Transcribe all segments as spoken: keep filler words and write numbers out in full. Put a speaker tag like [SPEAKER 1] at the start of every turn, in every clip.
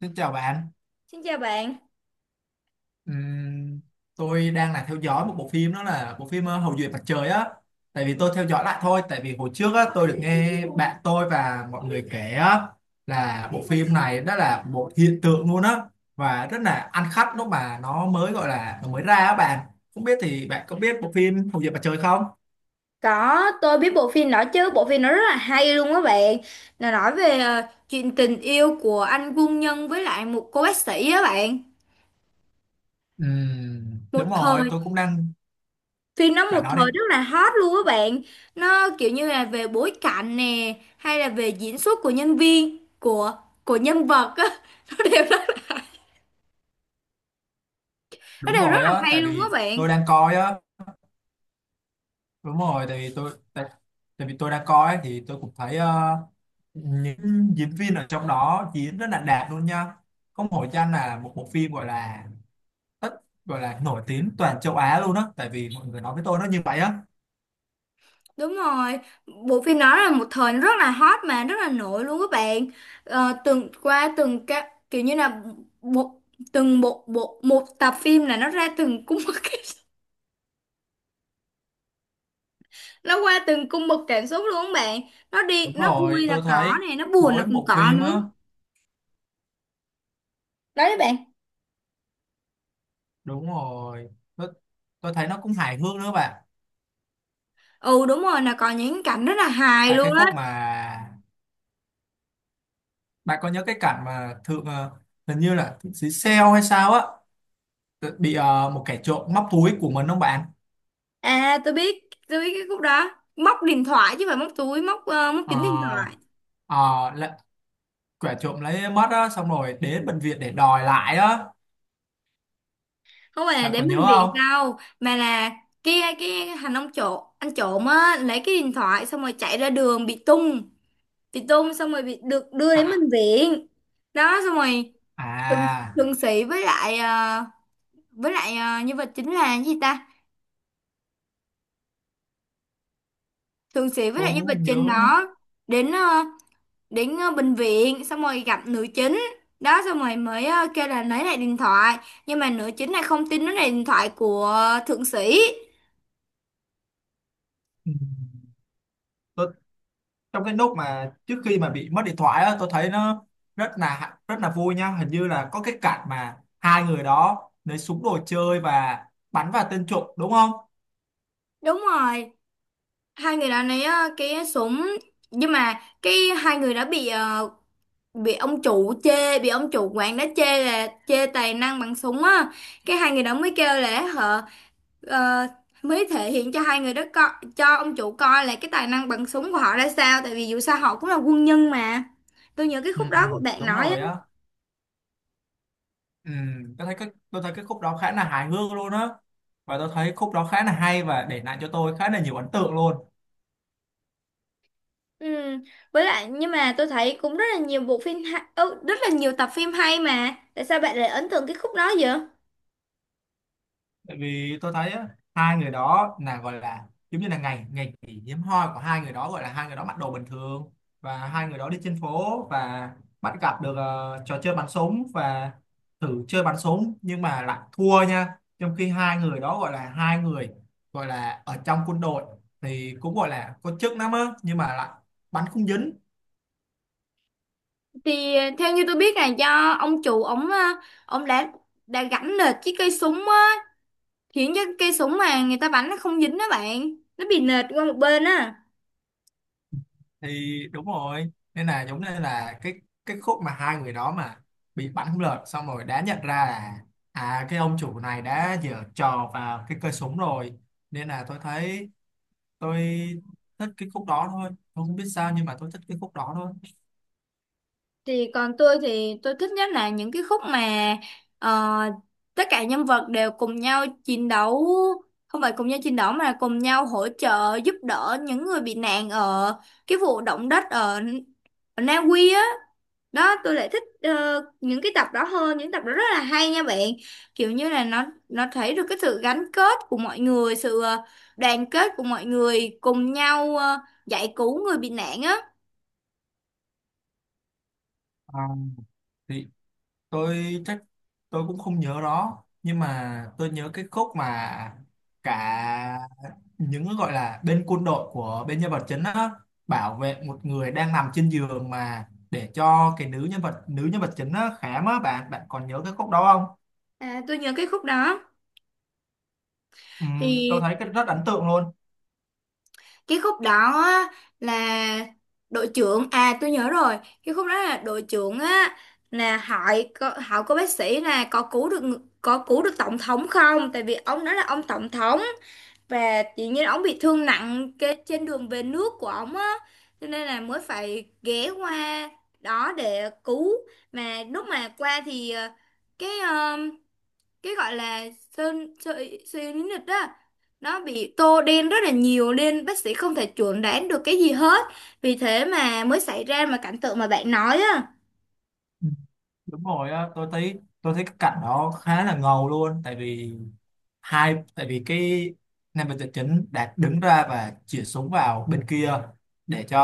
[SPEAKER 1] Xin chào bạn.
[SPEAKER 2] Xin chào bạn.
[SPEAKER 1] Ừm, tôi đang là theo dõi một bộ phim, đó là bộ phim ờ, Hậu duệ mặt trời á. Tại vì tôi theo dõi lại thôi, tại vì hồi trước á, tôi được nghe bạn tôi và mọi người kể á, là bộ phim này đó là một hiện tượng luôn á và rất là ăn khách lúc mà nó mới gọi là nó mới ra á bạn. Không biết thì bạn có biết bộ phim Hậu duệ mặt trời không?
[SPEAKER 2] Có, tôi biết bộ phim đó chứ, bộ phim nó rất là hay luôn á bạn. Nó nói về ờ, chuyện tình yêu của anh quân nhân với lại một cô bác sĩ á bạn.
[SPEAKER 1] Ừm,
[SPEAKER 2] Một
[SPEAKER 1] đúng rồi,
[SPEAKER 2] thời,
[SPEAKER 1] tôi cũng đang
[SPEAKER 2] Phim nó một
[SPEAKER 1] bạn nói đi.
[SPEAKER 2] thời rất là hot luôn á bạn. Nó kiểu như là về bối cảnh nè, hay là về diễn xuất của nhân viên, của của nhân vật á, nó đều rất, nó
[SPEAKER 1] Đúng
[SPEAKER 2] đều rất
[SPEAKER 1] rồi
[SPEAKER 2] là
[SPEAKER 1] á,
[SPEAKER 2] hay
[SPEAKER 1] tại
[SPEAKER 2] luôn á
[SPEAKER 1] vì
[SPEAKER 2] bạn.
[SPEAKER 1] tôi đang coi á. Đúng rồi, tại vì tôi tại, tại vì tôi đang coi thì tôi cũng thấy ờ, những diễn viên ở trong đó diễn rất là đạt luôn nha, có một hội danh là một bộ phim gọi là tất gọi là nổi tiếng toàn châu Á luôn á, tại vì mọi người nói với tôi nó như vậy á.
[SPEAKER 2] Đúng rồi, bộ phim đó là một thời rất là hot mà rất là nổi luôn các bạn. Ờ, từng qua từng các kiểu như là bộ từng bộ bộ một tập phim là nó ra từng cung bậc nó qua từng cung bậc cảm xúc luôn các bạn. Nó đi
[SPEAKER 1] Đúng
[SPEAKER 2] nó
[SPEAKER 1] rồi
[SPEAKER 2] vui là
[SPEAKER 1] tôi
[SPEAKER 2] có
[SPEAKER 1] thấy
[SPEAKER 2] này, nó buồn là
[SPEAKER 1] mỗi
[SPEAKER 2] cũng
[SPEAKER 1] bộ
[SPEAKER 2] có
[SPEAKER 1] phim
[SPEAKER 2] nữa.
[SPEAKER 1] á,
[SPEAKER 2] Đấy các bạn.
[SPEAKER 1] đúng rồi tôi, tôi thấy nó cũng hài hước nữa bạn.
[SPEAKER 2] Ừ, đúng rồi, là có những cảnh rất là hài
[SPEAKER 1] Tại cái
[SPEAKER 2] luôn
[SPEAKER 1] khúc
[SPEAKER 2] á.
[SPEAKER 1] mà bạn có nhớ cái cảnh mà thượng ờ, hình như là thượng sĩ Seo hay sao á, tự- bị ờ, một kẻ trộm móc túi của mình không bạn?
[SPEAKER 2] À, tôi biết, tôi biết cái khúc đó. Móc điện thoại chứ không phải móc túi, móc ờ, móc
[SPEAKER 1] ờ
[SPEAKER 2] chính điện thoại.
[SPEAKER 1] ờ, là- kẻ trộm lấy mất á xong rồi đến bệnh viện để đòi lại á,
[SPEAKER 2] Không phải là
[SPEAKER 1] bạn
[SPEAKER 2] đến
[SPEAKER 1] còn nhớ
[SPEAKER 2] bệnh
[SPEAKER 1] không?
[SPEAKER 2] viện đâu mà là cái cái thằng ông trộm anh trộm á lấy cái điện thoại xong rồi chạy ra đường bị tung bị tung xong rồi bị được đưa đến
[SPEAKER 1] À,
[SPEAKER 2] bệnh viện đó. Xong rồi thượng,
[SPEAKER 1] à
[SPEAKER 2] thượng sĩ với lại ờ, với lại ờ, nhân vật chính là cái gì ta, thượng sĩ với
[SPEAKER 1] tôi
[SPEAKER 2] lại nhân
[SPEAKER 1] cũng
[SPEAKER 2] vật
[SPEAKER 1] không
[SPEAKER 2] chính
[SPEAKER 1] nhớ nữa.
[SPEAKER 2] đó đến ờ, đến ờ, bệnh viện xong rồi gặp nữ chính. Đó xong rồi mới ờ, kêu là lấy lại điện thoại, nhưng mà nữ chính này không tin nó là điện thoại của thượng sĩ.
[SPEAKER 1] Ừ. tôi, Trong cái lúc mà trước khi mà bị mất điện thoại á, tôi thấy nó rất là rất là vui nha, hình như là có cái cảnh mà hai người đó lấy súng đồ chơi và bắn vào tên trộm đúng không?
[SPEAKER 2] Đúng rồi, hai người đã lấy ờ, cái súng, nhưng mà cái hai người đã bị ờ, bị ông chủ chê, bị ông chủ quán đã chê là chê tài năng bằng súng á. Cái hai người đó mới kêu là họ, ờ, mới thể hiện cho hai người đó co cho ông chủ coi là cái tài năng bằng súng của họ ra sao, tại vì dù sao họ cũng là quân nhân mà. Tôi nhớ cái
[SPEAKER 1] Ừ,
[SPEAKER 2] khúc đó của bạn
[SPEAKER 1] đúng
[SPEAKER 2] nói á.
[SPEAKER 1] rồi á. Ừ, tôi thấy cái tôi thấy cái khúc đó khá là hài hước luôn á, và tôi thấy khúc đó khá là hay và để lại cho tôi khá là nhiều ấn tượng luôn.
[SPEAKER 2] Ừ. Với lại nhưng mà tôi thấy cũng rất là nhiều bộ phim hay, ừ, rất là nhiều tập phim hay, mà tại sao bạn lại ấn tượng cái khúc đó vậy?
[SPEAKER 1] Tại vì tôi thấy á, hai người đó là gọi là giống như là ngày ngày kỷ hiếm hoi của hai người đó, gọi là hai người đó mặc đồ bình thường và hai người đó đi trên phố và bắt gặp được ờ, trò chơi bắn súng và thử chơi bắn súng nhưng mà lại thua nha, trong khi hai người đó gọi là hai người gọi là ở trong quân đội thì cũng gọi là có chức lắm á, nhưng mà lại bắn không dính.
[SPEAKER 2] Thì ờ, theo như tôi biết là do ông chủ ổng ờ, ổng đã đã gắn nệt chiếc cây súng á, khiến cho cây súng mà người ta bắn nó không dính đó bạn, nó bị nệt qua một bên á.
[SPEAKER 1] Thì đúng rồi, nên là giống như là cái cái khúc mà hai người đó mà bị bắn không lọt xong rồi đã nhận ra là à cái ông chủ này đã giở trò vào cái cây súng rồi, nên là tôi thấy tôi thích cái khúc đó thôi, tôi không biết sao nhưng mà tôi thích cái khúc đó thôi.
[SPEAKER 2] Thì còn tôi thì tôi thích nhất là những cái khúc mà ờ, tất cả nhân vật đều cùng nhau chiến đấu, không phải cùng nhau chiến đấu mà là cùng nhau hỗ trợ giúp đỡ những người bị nạn ở cái vụ động đất ở, ở Na Uy á. Đó, tôi lại thích ờ, những cái tập đó hơn, những tập đó rất là hay nha bạn. Kiểu như là nó nó thấy được cái sự gắn kết của mọi người, sự ờ, đoàn kết của mọi người cùng nhau ờ, giải cứu người bị nạn á.
[SPEAKER 1] À, thì tôi chắc tôi cũng không nhớ đó, nhưng mà tôi nhớ cái khúc mà cả những gọi là bên quân đội của bên nhân vật chính á bảo vệ một người đang nằm trên giường mà để cho cái nữ nhân vật nữ nhân vật chính á khám á bạn, bạn còn nhớ cái khúc đó không?
[SPEAKER 2] À, tôi nhớ cái khúc đó.
[SPEAKER 1] Ừm, tôi
[SPEAKER 2] Thì
[SPEAKER 1] thấy cái rất ấn tượng luôn.
[SPEAKER 2] cái khúc đó á, là đội trưởng, à tôi nhớ rồi, cái khúc đó là đội trưởng á, là hỏi có, hỏi cô bác sĩ là có cứu được ng- có cứu được tổng thống không, tại vì ông đó là ông tổng thống và tự nhiên ông bị thương nặng cái trên đường về nước của ông á, cho nên là mới phải ghé qua đó để cứu. Mà lúc mà qua thì ờ, cái cái gọi là sơn sợi cyanide đó nó bị tô đen rất là nhiều, nên bác sĩ không thể chuẩn đoán được cái gì hết, vì thế mà mới xảy ra mà cảnh tượng mà bạn nói á.
[SPEAKER 1] Ừ. Đúng rồi á, tôi thấy tôi thấy cái cảnh đó khá là ngầu luôn, tại vì hai tại vì cái nam vật chính đã đứng ra và chĩa súng vào bên kia để cho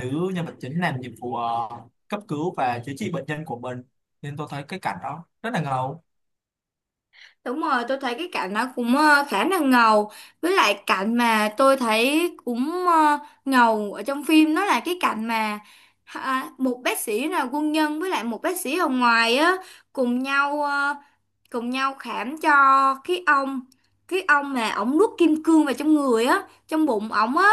[SPEAKER 1] nữ nhân vật chính làm nhiệm vụ ờ, cấp cứu và chữa trị bệnh nhân của mình, nên tôi thấy cái cảnh đó rất là ngầu.
[SPEAKER 2] Đúng rồi, tôi thấy cái cảnh nó cũng ờ, khá là ngầu. Với lại cảnh mà tôi thấy cũng ờ, ngầu ở trong phim đó là cái cảnh mà, à, một bác sĩ là quân nhân với lại một bác sĩ ở ngoài á cùng nhau ờ, cùng nhau khám cho cái ông cái ông mà ổng nuốt kim cương vào trong người á, trong bụng ổng á,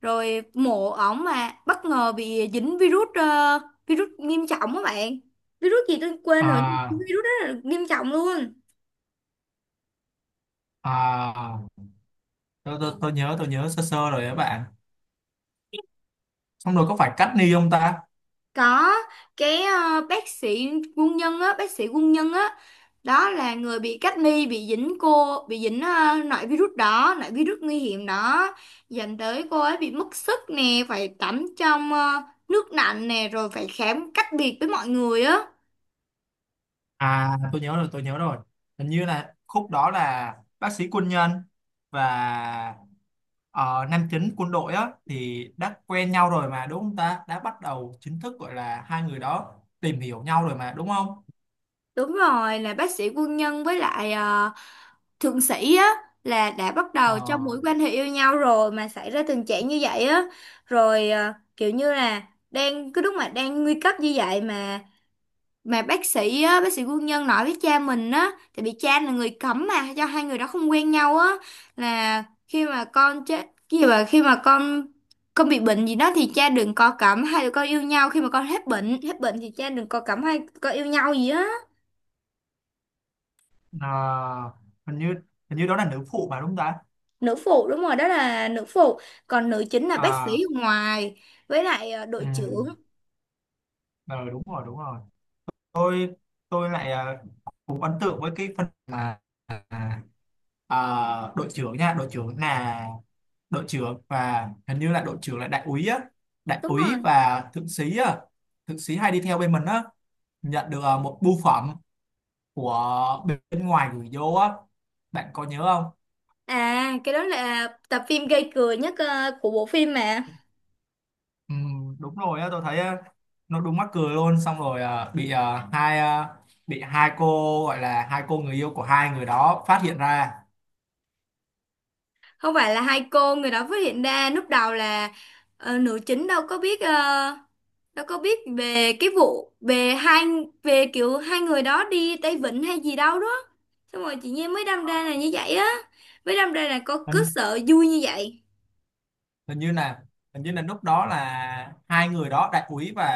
[SPEAKER 2] rồi mổ ổng mà bất ngờ bị dính virus ờ, virus nghiêm trọng á bạn. Virus gì tôi quên rồi, nhưng mà
[SPEAKER 1] À
[SPEAKER 2] virus đó là nghiêm trọng luôn.
[SPEAKER 1] à tôi, tôi, tôi nhớ tôi nhớ sơ sơ rồi các bạn, xong rồi có phải cắt ni không ta?
[SPEAKER 2] Có cái ờ, bác sĩ quân nhân á, bác sĩ quân nhân á, đó là người bị cách ly, bị dính cô, bị dính uh, loại virus đó, loại virus nguy hiểm đó, dẫn tới cô ấy bị mất sức nè, phải tắm trong ờ, nước lạnh nè, rồi phải khám cách biệt với mọi người á.
[SPEAKER 1] À tôi nhớ rồi, tôi nhớ rồi, hình như là khúc đó là bác sĩ quân nhân và ờ, nam chính quân đội á thì đã quen nhau rồi mà đúng không ta, đã bắt đầu chính thức gọi là hai người đó tìm hiểu nhau rồi mà đúng không?
[SPEAKER 2] Đúng rồi, là bác sĩ quân nhân với lại ờ, thượng sĩ á là đã bắt
[SPEAKER 1] Ờ,
[SPEAKER 2] đầu trong mối quan hệ yêu nhau rồi mà xảy ra tình trạng như vậy á, rồi ờ, kiểu như là đang cái lúc mà đang nguy cấp như vậy mà mà bác sĩ á, bác sĩ quân nhân nói với cha mình á, tại vì cha là người cấm mà cho hai người đó không quen nhau á, là khi mà con chết cái gì, mà khi mà con con bị bệnh gì đó thì cha đừng có cấm hai đứa con yêu nhau, khi mà con hết bệnh hết bệnh thì cha đừng có cấm hai con yêu nhau gì á.
[SPEAKER 1] à, hình như hình như đó là nữ phụ mà đúng không ta?
[SPEAKER 2] Nữ phụ, đúng rồi, đó là nữ phụ, còn nữ chính là bác sĩ
[SPEAKER 1] À
[SPEAKER 2] ở ngoài với lại ờ,
[SPEAKER 1] ừ,
[SPEAKER 2] đội trưởng.
[SPEAKER 1] ờ, đúng rồi đúng rồi. tôi tôi lại à, Cũng ấn tượng với cái phần mà à, à, đội trưởng nha, đội trưởng là đội trưởng và hình như là đội trưởng là đại úy á, đại
[SPEAKER 2] Đúng rồi.
[SPEAKER 1] úy và thượng sĩ á, thượng sĩ hay đi theo bên mình á, nhận được à, một bưu phẩm của bên ngoài gửi vô á, bạn có nhớ không?
[SPEAKER 2] À, cái đó là tập phim gây cười nhất ờ, của bộ phim mà.
[SPEAKER 1] Ừ, đúng rồi á, tôi thấy á, nó đúng mắc cười luôn, xong rồi à, bị à, hai à, bị hai cô gọi là hai cô người yêu của hai người đó phát hiện ra.
[SPEAKER 2] Không phải là hai cô người đó phát hiện ra, lúc đầu là ờ, nữ chính đâu có biết, ờ, đâu có biết về cái vụ về hai, về kiểu hai người đó đi Tây Vịnh hay gì đâu đó, xong rồi chị Nhi mới đâm ra là như vậy á, mới đâm ra là có cứ sợ vui như vậy.
[SPEAKER 1] Hình như là hình như là lúc đó là hai người đó đại úy và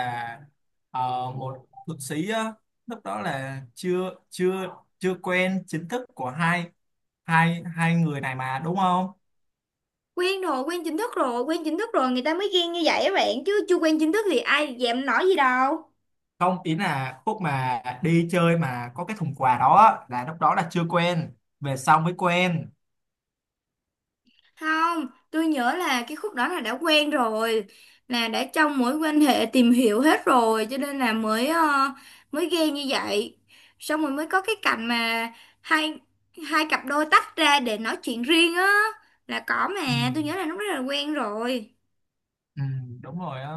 [SPEAKER 1] ờ, một thượng sĩ á, lúc đó là chưa chưa chưa quen chính thức của hai hai hai người này mà đúng không?
[SPEAKER 2] Quen rồi, quen chính thức rồi, quen chính thức rồi người ta mới ghen như vậy á bạn, chứ chưa quen chính thức thì ai dèm nói gì đâu.
[SPEAKER 1] Không, ý là khúc mà đi chơi mà có cái thùng quà đó á, là lúc đó là chưa quen, về sau mới quen.
[SPEAKER 2] Không, tôi nhớ là cái khúc đó là đã quen rồi, là đã trong mối quan hệ tìm hiểu hết rồi, cho nên là mới ờ, mới ghen như vậy. Xong rồi mới có cái cảnh mà hai hai cặp đôi tách ra để nói chuyện riêng á, là có
[SPEAKER 1] ừ,
[SPEAKER 2] mà, tôi nhớ là lúc đó là quen rồi.
[SPEAKER 1] ừ, đúng rồi á,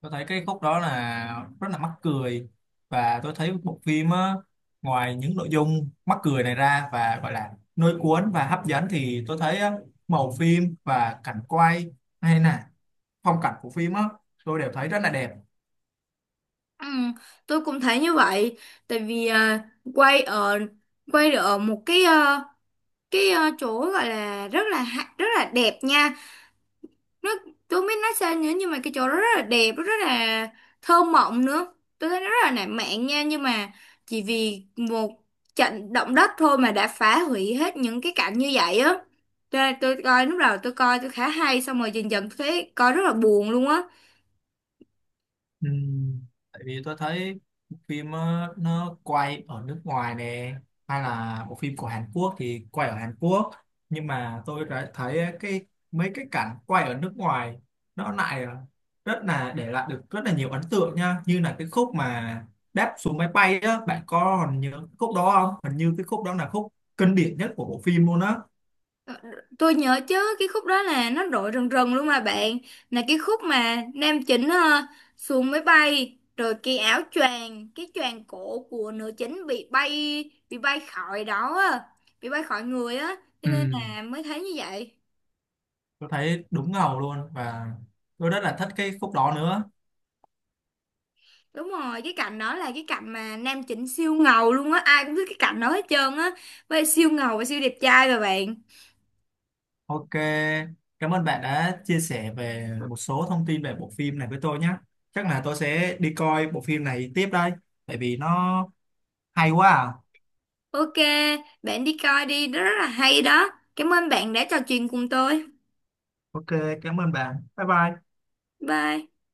[SPEAKER 1] tôi thấy cái khúc đó là rất là mắc cười, và tôi thấy bộ phim á, ngoài những nội dung mắc cười này ra và gọi là lôi cuốn và hấp dẫn thì tôi thấy á, màu phim và cảnh quay hay là phong cảnh của phim á, tôi đều thấy rất là đẹp.
[SPEAKER 2] Ừ, tôi cũng thấy như vậy, tại vì ờ, quay ở quay ở một cái ờ, cái ờ, chỗ gọi là rất là ha- rất là đẹp nha. nó tôi không biết nói sao nữa, nhưng mà cái chỗ đó rất là đẹp, rất là thơ mộng nữa, tôi thấy nó rất là lãng mạn nha, nhưng mà chỉ vì một trận động đất thôi mà đã phá hủy hết những cái cảnh như vậy á, cho nên tôi coi lúc đầu tôi coi tôi khá hay, xong rồi dần dần tôi thấy coi rất là buồn luôn á.
[SPEAKER 1] Ừ, tại vì tôi thấy bộ phim ờ, nó quay ở nước ngoài nè, hay là bộ phim của Hàn Quốc thì quay ở Hàn Quốc, nhưng mà tôi đã thấy cái mấy cái cảnh quay ở nước ngoài nó lại ờ, rất là để lại được rất là nhiều ấn tượng nha, như là cái khúc mà đáp xuống máy bay á, bạn có còn nhớ cái khúc đó không? Hình như cái khúc đó là khúc kinh điển nhất của bộ phim luôn á.
[SPEAKER 2] Ờ, Tôi nhớ chứ, cái khúc đó là nó rội rần rần luôn mà bạn. Là cái khúc mà nam chính ờ, xuống máy bay, rồi cái áo choàng, cái choàng cổ của nữ chính bị bay, bị bay khỏi đó á, bị bay khỏi người á, cho nên
[SPEAKER 1] Ừ,
[SPEAKER 2] là mới thấy như vậy.
[SPEAKER 1] tôi thấy đúng ngầu luôn, và tôi rất là thích cái khúc đó nữa.
[SPEAKER 2] Đúng rồi, cái cảnh đó là cái cảnh mà nam chính siêu ngầu luôn á, ai cũng biết cái cảnh đó hết trơn á, với siêu ngầu và siêu đẹp trai mà bạn.
[SPEAKER 1] Ok, cảm ơn bạn đã chia sẻ về một số thông tin về bộ phim này với tôi nhé. Chắc là tôi sẽ đi coi bộ phim này tiếp đây, tại vì nó hay quá à.
[SPEAKER 2] Ok, bạn đi coi đi, đó rất là hay đó. Cảm ơn bạn đã trò chuyện cùng tôi.
[SPEAKER 1] Ok, cảm ơn bạn. Bye bye.
[SPEAKER 2] Bye.